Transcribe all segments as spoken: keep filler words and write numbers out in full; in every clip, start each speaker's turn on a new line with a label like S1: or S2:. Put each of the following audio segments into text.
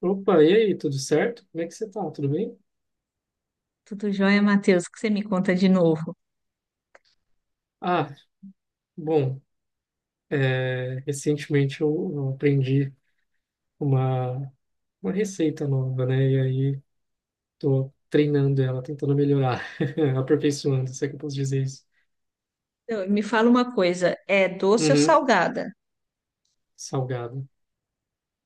S1: Opa, e aí, tudo certo? Como é que você tá? Tudo bem?
S2: Tudo jóia, Matheus? O que você me conta de novo?
S1: Ah, bom, é, recentemente eu, eu aprendi uma, uma receita nova, né? E aí tô treinando ela, tentando melhorar, aperfeiçoando, se é que eu posso dizer isso.
S2: Então, me fala uma coisa, é doce ou
S1: Uhum,
S2: salgada?
S1: salgado.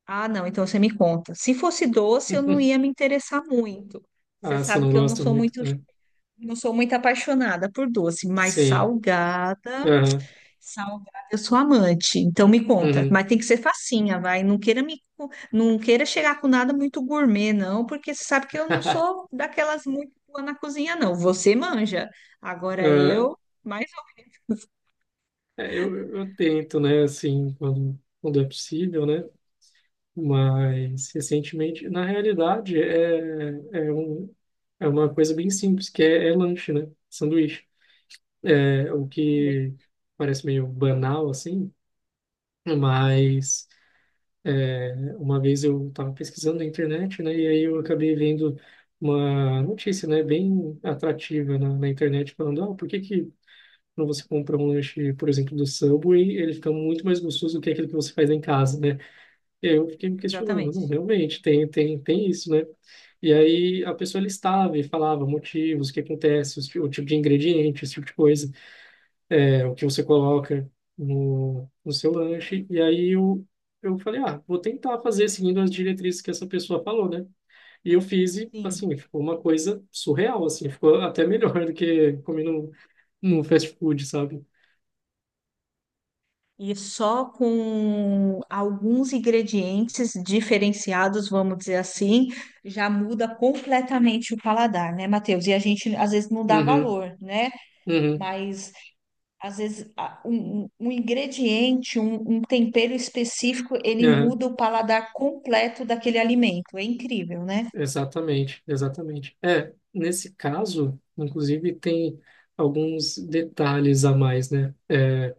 S2: Ah, não, então você me conta. Se fosse doce, eu não ia me interessar muito.
S1: Ah,
S2: Você
S1: você
S2: sabe
S1: não
S2: que eu não
S1: gosta
S2: sou
S1: muito,
S2: muito,
S1: né?
S2: não sou muito apaixonada por doce, mas
S1: Sim.
S2: salgada,
S1: Aham,
S2: salgada, eu sou amante. Então me conta,
S1: uhum.
S2: mas tem que ser facinha, vai. Não queira me, não queira chegar com nada muito gourmet, não, porque você sabe que eu não sou daquelas muito boa na cozinha, não. Você manja. Agora
S1: Ah,
S2: eu, mais ou
S1: é, eu, eu tento, né, assim, quando, quando é possível, né? Mas recentemente, na realidade, é, é, um, é uma coisa bem simples, que é, é lanche, né? Sanduíche. É o
S2: menos.
S1: que parece meio banal, assim, mas é, uma vez eu estava pesquisando na internet, né? E aí eu acabei vendo uma notícia, né? Bem atrativa na, na internet, falando, ah, por que que quando você compra um lanche, por exemplo, do Subway, ele fica muito mais gostoso do que aquele que você faz em casa, né? E aí eu fiquei me questionando, não,
S2: Exatamente.
S1: realmente, tem, tem, tem isso, né? E aí a pessoa listava e falava motivos, o que acontece, os ti- o tipo de ingrediente, esse tipo de coisa, é, o que você coloca no, no seu lanche. E aí eu, eu falei, ah, vou tentar fazer seguindo as diretrizes que essa pessoa falou, né? E eu fiz e,
S2: Sim.
S1: assim, ficou uma coisa surreal, assim, ficou até melhor do que comer no, no fast food, sabe?
S2: E só com alguns ingredientes diferenciados, vamos dizer assim, já muda completamente o paladar, né, Matheus? E a gente às vezes não dá
S1: Uhum,
S2: valor, né?
S1: uhum,
S2: Mas às vezes a- um, um um ingrediente, um, um tempero específico, ele
S1: aham.
S2: muda o paladar completo daquele alimento. É incrível, né?
S1: Exatamente, exatamente. É, nesse caso, inclusive, tem alguns detalhes a mais, né? É,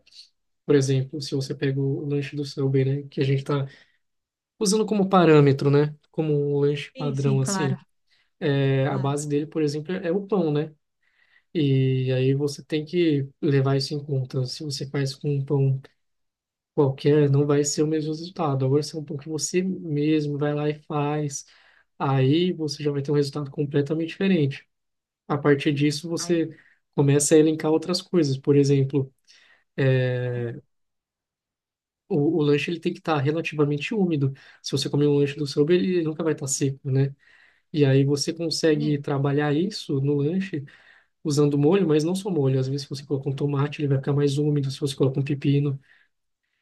S1: por exemplo, se você pega o lanche do Subway, né? Que a gente está usando como parâmetro, né? Como um lanche
S2: Sim, sim,
S1: padrão,
S2: claro,
S1: assim. É, a
S2: claro.
S1: base dele, por exemplo, é o pão, né? E aí você tem que levar isso em conta. Se você faz com um pão qualquer, não vai ser o mesmo resultado. Agora, se é um pão que você mesmo vai lá e faz, aí você já vai ter um resultado completamente diferente. A partir disso,
S2: Aí,
S1: você começa a elencar outras coisas. Por exemplo,
S2: tá,
S1: o, o lanche ele tem que estar relativamente úmido. Se você comer um lanche do seu, ele ele nunca vai estar seco, né? E aí você consegue
S2: exatamente.
S1: trabalhar isso no lanche usando molho, mas não só molho. Às vezes, se você colocar um tomate, ele vai ficar mais úmido. Se você colocar um pepino,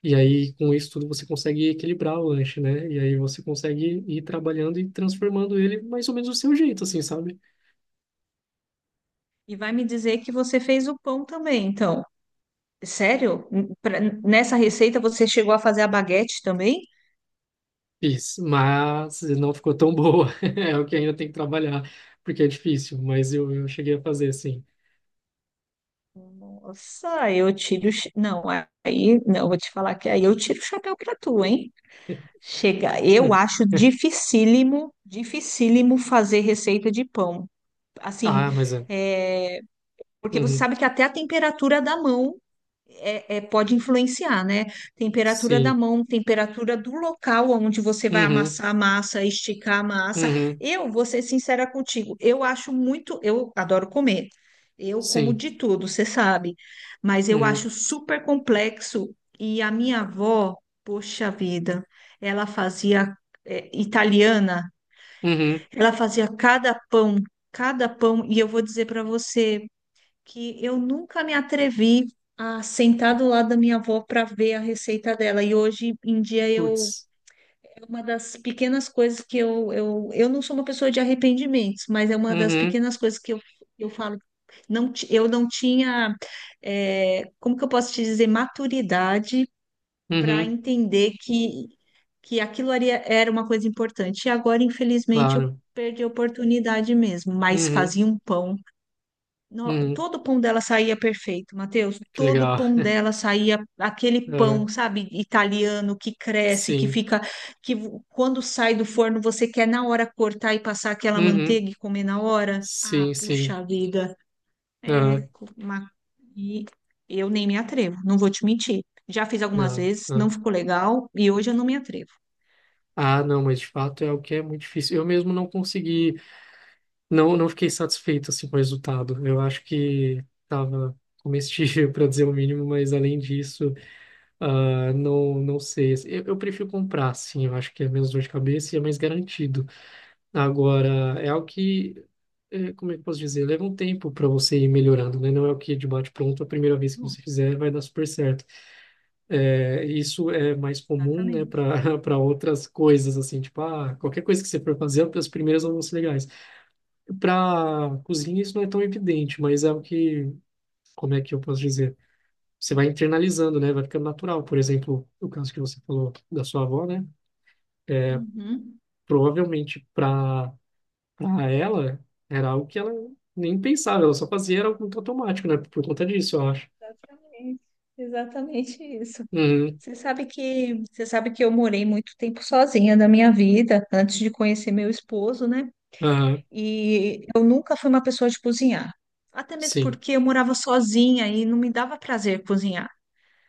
S1: e aí com isso tudo você consegue equilibrar o lanche, né? E aí você consegue ir trabalhando e transformando ele mais ou menos do seu jeito, assim, sabe?
S2: E vai me dizer que você fez o pão também, então. Sério? N- pra- nessa receita você chegou a fazer a baguete também?
S1: Fiz, mas não ficou tão boa. É o que ainda tem que trabalhar, porque é difícil, mas eu, eu cheguei a fazer, sim.
S2: Nossa, eu tiro. O cha- Não, aí, não, vou te falar que aí eu tiro o chapéu pra tu, hein? Chega, eu
S1: Não.
S2: acho dificílimo, dificílimo fazer receita de pão. Assim,
S1: Ah, mas é.
S2: é, porque você
S1: Uhum.
S2: sabe que até a temperatura da mão é, é- pode influenciar, né? Temperatura da
S1: Sim.
S2: mão, temperatura do local onde você vai
S1: Uhum.
S2: amassar a massa, esticar a massa.
S1: Uhum.
S2: Eu vou ser sincera contigo, eu acho muito, eu adoro comer. Eu como
S1: Sim.
S2: de tudo, você sabe, mas eu
S1: Uhum.
S2: acho super complexo. E a minha avó, poxa vida, ela fazia é, italiana,
S1: Uhum.
S2: ela fazia cada pão, cada pão, e eu vou dizer para você que eu nunca me atrevi a sentar do lado da minha avó para ver a receita dela. E hoje em dia eu
S1: Putz.
S2: é uma das pequenas coisas que eu, eu, eu não sou uma pessoa de arrependimentos, mas é uma das
S1: Uhum.
S2: pequenas coisas que eu, eu falo. Não, ti- eu não tinha, é, como que eu posso te dizer, maturidade para
S1: Uhum.
S2: entender que, que aquilo ali era uma coisa importante. E agora, infelizmente, eu
S1: Claro.
S2: perdi a oportunidade mesmo. Mas
S1: Uhum.
S2: fazia um pão. No-
S1: Uhum.
S2: todo o pão dela saía perfeito, Matheus.
S1: Que
S2: Todo o
S1: legal.
S2: pão dela saía aquele pão,
S1: Ah,
S2: sabe, italiano que cresce, que
S1: sim.
S2: fica, que vo- quando sai do forno você quer na hora cortar e passar aquela
S1: Uhum.
S2: manteiga e comer na hora. Ah,
S1: Sim, sim.
S2: puxa vida.
S1: Ah,
S2: É, co- uma... e eu nem me atrevo, não vou te mentir. Já fiz algumas
S1: não.
S2: vezes,
S1: Ah,
S2: não ficou legal e hoje eu não me atrevo.
S1: ah, não, mas de fato é o que é muito difícil. Eu mesmo não consegui. Não, não fiquei satisfeito assim, com o resultado. Eu acho que estava comestível, para dizer o mínimo, mas além disso, ah, não, não sei. Eu, eu prefiro comprar, sim. Eu acho que é menos dor de cabeça e é mais garantido. Agora, é algo que, eh, como é que eu posso dizer? Leva um tempo para você ir melhorando, né? Não é o que de bate-pronto, a primeira vez que
S2: Bom,
S1: você fizer vai dar super certo. Eh, isso é mais comum, né,
S2: exatamente.
S1: para para outras coisas, assim, tipo, ah, qualquer coisa que você for fazer, as primeiras não vão ser legais. Para cozinha isso não é tão evidente, mas é o que, como é que eu posso dizer? Você vai internalizando, né? Vai ficando natural. Por exemplo, o caso que você falou da sua avó, né?
S2: Uhum.
S1: Provavelmente para para ela era algo que ela nem pensava, ela só fazia era algo muito automático, né? Por conta disso, eu acho.
S2: Exatamente, exatamente isso.
S1: Uhum,
S2: Você sabe que, você sabe que eu morei muito tempo sozinha na minha vida, antes de conhecer meu esposo, né?
S1: aham,
S2: E eu nunca fui uma pessoa de cozinhar. Até mesmo
S1: sim.
S2: porque eu morava sozinha e não me dava prazer cozinhar,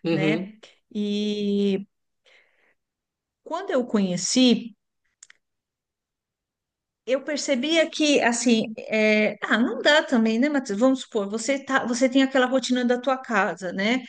S1: Uhum,
S2: né? E quando eu conheci, eu percebia que, assim, é, ah, não dá também, né, Matheus? Vamos supor, você tá, você tem aquela rotina da tua casa, né?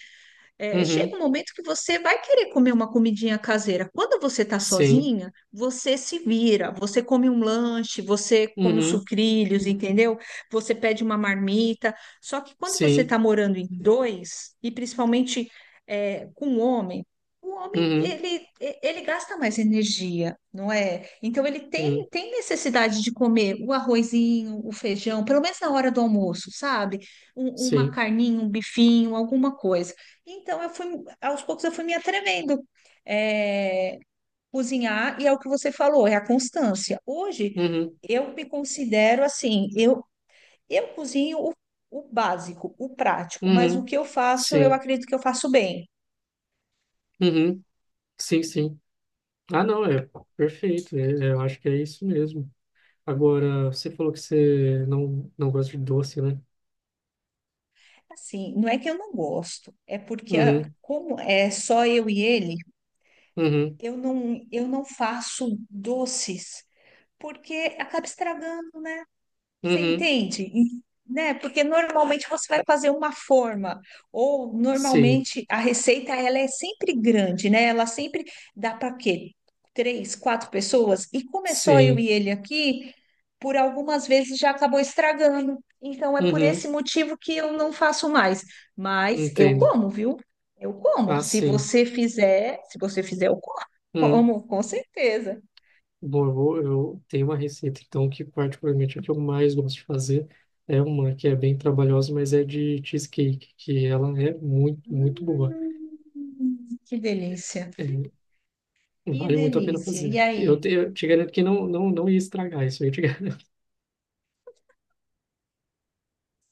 S2: É,
S1: uhum,
S2: chega um momento que você vai querer comer uma comidinha caseira. Quando você está
S1: sim.
S2: sozinha, você se vira, você come um lanche, você come os
S1: Uhum,
S2: sucrilhos, entendeu? Você pede uma marmita. Só que quando você
S1: sim.
S2: está morando em dois, e principalmente é, com um homem, o homem
S1: Uhum,
S2: ele, ele gasta mais energia, não é? Então ele
S1: uhum,
S2: tem, tem necessidade de comer o arrozinho, o feijão, pelo menos na hora do almoço, sabe? Um- uma
S1: sim.
S2: carninha, um bifinho, alguma coisa. Então, eu fui, aos poucos eu fui me atrevendo. É, cozinhar, e é o que você falou, é a constância. Hoje,
S1: Uhum,
S2: eu me considero assim, eu, eu cozinho o, o básico, o prático, mas o
S1: uhum,
S2: que eu faço, eu
S1: sim.
S2: acredito que eu faço bem.
S1: Uhum, sim, sim. Ah, não, é perfeito. É- é, eu acho que é isso mesmo. Agora, você falou que você não, não gosta de doce, né?
S2: Assim, não é que eu não gosto, é porque a-
S1: Uhum,
S2: como é só eu e ele,
S1: uhum,
S2: eu não, eu não faço doces, porque acaba estragando. Você
S1: uhum.
S2: entende? E, né? Porque normalmente você vai fazer uma forma, ou
S1: Sim,
S2: normalmente a receita ela é sempre grande, né? Ela sempre dá para quê? Três, quatro pessoas, e começou eu
S1: sim.
S2: e ele aqui, por algumas vezes já acabou estragando. Então é por
S1: Uhum,
S2: esse motivo que eu não faço mais. Mas eu
S1: entendo.
S2: como, viu? Eu como.
S1: Ah,
S2: Se
S1: sim.
S2: você fizer, se você fizer, eu como,
S1: Uhum.
S2: como, com certeza.
S1: Bom, eu, vou- eu tenho uma receita, então, que particularmente é a que eu mais gosto de fazer, é uma que é bem trabalhosa, mas é de cheesecake, que ela é muito, muito boa.
S2: Hum, que delícia.
S1: É,
S2: Que
S1: vale muito a pena
S2: delícia. E
S1: fazer. Eu
S2: aí?
S1: te, eu te garanto que não, não, não ia estragar isso aí, eu te garanto.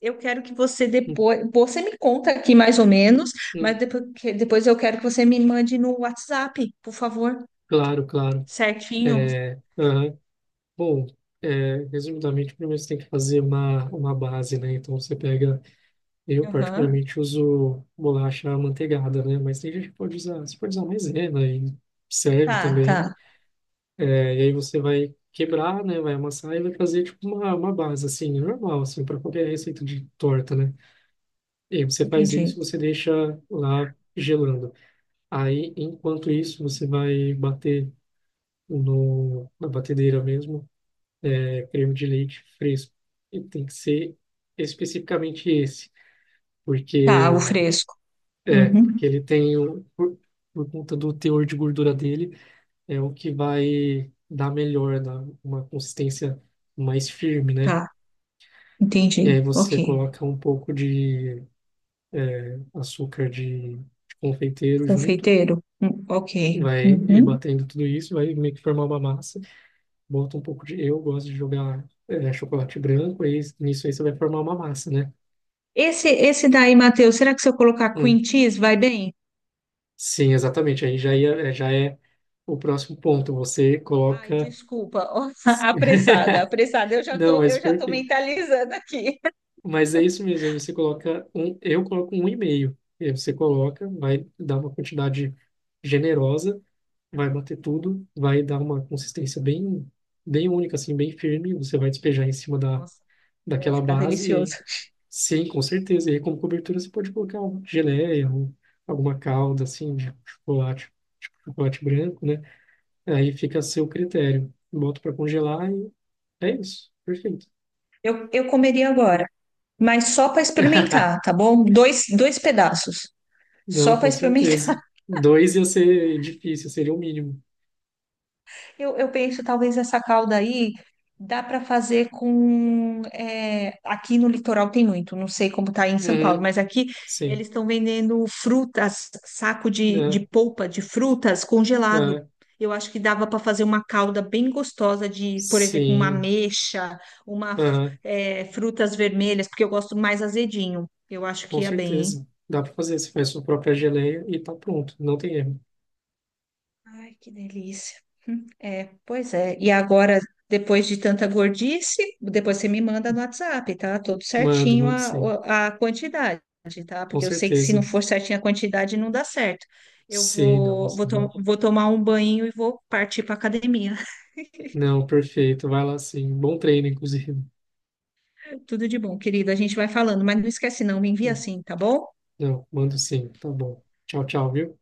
S2: Eu quero que você
S1: Hum,
S2: depois, você me conta aqui mais ou menos, mas
S1: hum,
S2: depois, depois eu quero que você me mande no WhatsApp, por favor.
S1: claro, claro.
S2: Certinho.
S1: É, aham. Bom, é, resumidamente, primeiro você tem que fazer uma, uma base, né? Então você pega, eu
S2: Aham.
S1: particularmente uso bolacha amanteigada, né? Mas tem gente que pode usar, você pode usar maisena e serve
S2: Tá,
S1: também.
S2: tá.
S1: É, e aí você vai quebrar, né? Vai amassar e vai fazer tipo uma, uma base, assim, normal, assim, para qualquer receita de torta, né? E aí você faz isso,
S2: Entendi.
S1: você deixa lá gelando. Aí, enquanto isso, você vai bater no, na batedeira mesmo creme de leite fresco. E tem que ser especificamente esse,
S2: Tá, o
S1: porque
S2: fresco.
S1: é,
S2: Uhum.
S1: porque ele tem o- por, por conta do teor de gordura dele, é o que vai dar melhor, dar uma consistência mais firme, né?
S2: Tá,
S1: E aí
S2: entendi. Ok.
S1: você coloca um pouco de açúcar de, de confeiteiro junto,
S2: Confeiteiro? Hum, ok.
S1: vai ir
S2: Uhum.
S1: batendo tudo isso, vai meio que formar uma massa. Bota um pouco de, eu gosto de jogar é, chocolate branco, aí nisso aí você vai formar uma massa, né?
S2: Esse, esse daí, Matheus, será que se eu colocar
S1: Um,
S2: cream cheese vai bem?
S1: sim, exatamente. Aí já ia, é, já é o próximo ponto. Você
S2: Ai,
S1: coloca.
S2: desculpa. Ó, apressada, apressada. Eu já
S1: Não,
S2: tô,
S1: mas
S2: eu já tô
S1: perfeito.
S2: mentalizando aqui.
S1: Mas é isso mesmo. Aí você coloca um. Eu coloco um e-mail. E aí você coloca, vai dar uma quantidade generosa, vai bater tudo, vai dar uma consistência bem, bem única, assim, bem firme. Você vai despejar em cima da,
S2: Nossa, deve
S1: daquela
S2: ficar
S1: base. E aí,
S2: delicioso.
S1: sim, com certeza. E aí, como cobertura, você pode colocar uma geleia, um, alguma calda, assim, de chocolate, tipo chocolate branco, né? Aí fica a seu critério. Boto para congelar e é isso. Perfeito.
S2: Eu, eu comeria agora, mas só para experimentar, tá bom? Dois, dois pedaços,
S1: Não,
S2: só para
S1: com
S2: experimentar.
S1: certeza. Dois ia ser difícil, seria o mínimo.
S2: Eu, eu penso, talvez essa calda aí dá para fazer com. É, aqui no litoral tem muito, não sei como tá aí em São Paulo,
S1: Uhum,
S2: mas aqui
S1: sim.
S2: eles estão vendendo frutas, saco de, de
S1: É,
S2: polpa de frutas congelado.
S1: é,
S2: Eu acho que dava para fazer uma calda bem gostosa de, por exemplo, uma
S1: sim.
S2: ameixa, uma,
S1: Aham,
S2: é, frutas vermelhas, porque eu gosto mais azedinho. Eu acho
S1: com
S2: que ia bem, hein?
S1: certeza. Dá para fazer. Você faz sua própria geleia e tá pronto. Não tem erro.
S2: Ai, que delícia. Hum, É, pois é. E agora, depois de tanta gordice, depois você me manda no WhatsApp, tá? Tudo
S1: Mando,
S2: certinho
S1: mando
S2: a, o-
S1: sim.
S2: A quantidade, tá?
S1: Com
S2: Porque eu sei que se não
S1: certeza.
S2: for certinho a quantidade, não dá certo. Eu
S1: Sim, não.
S2: vou, vou,
S1: isso-
S2: to-
S1: aham.
S2: Vou tomar um banho e vou partir para academia.
S1: Não, perfeito. Vai lá sim. Bom treino, inclusive.
S2: Tudo de bom, querida. A gente vai falando, mas não esquece não, me envia assim, tá bom?
S1: Não, mando sim. Tá bom. Tchau, tchau, viu?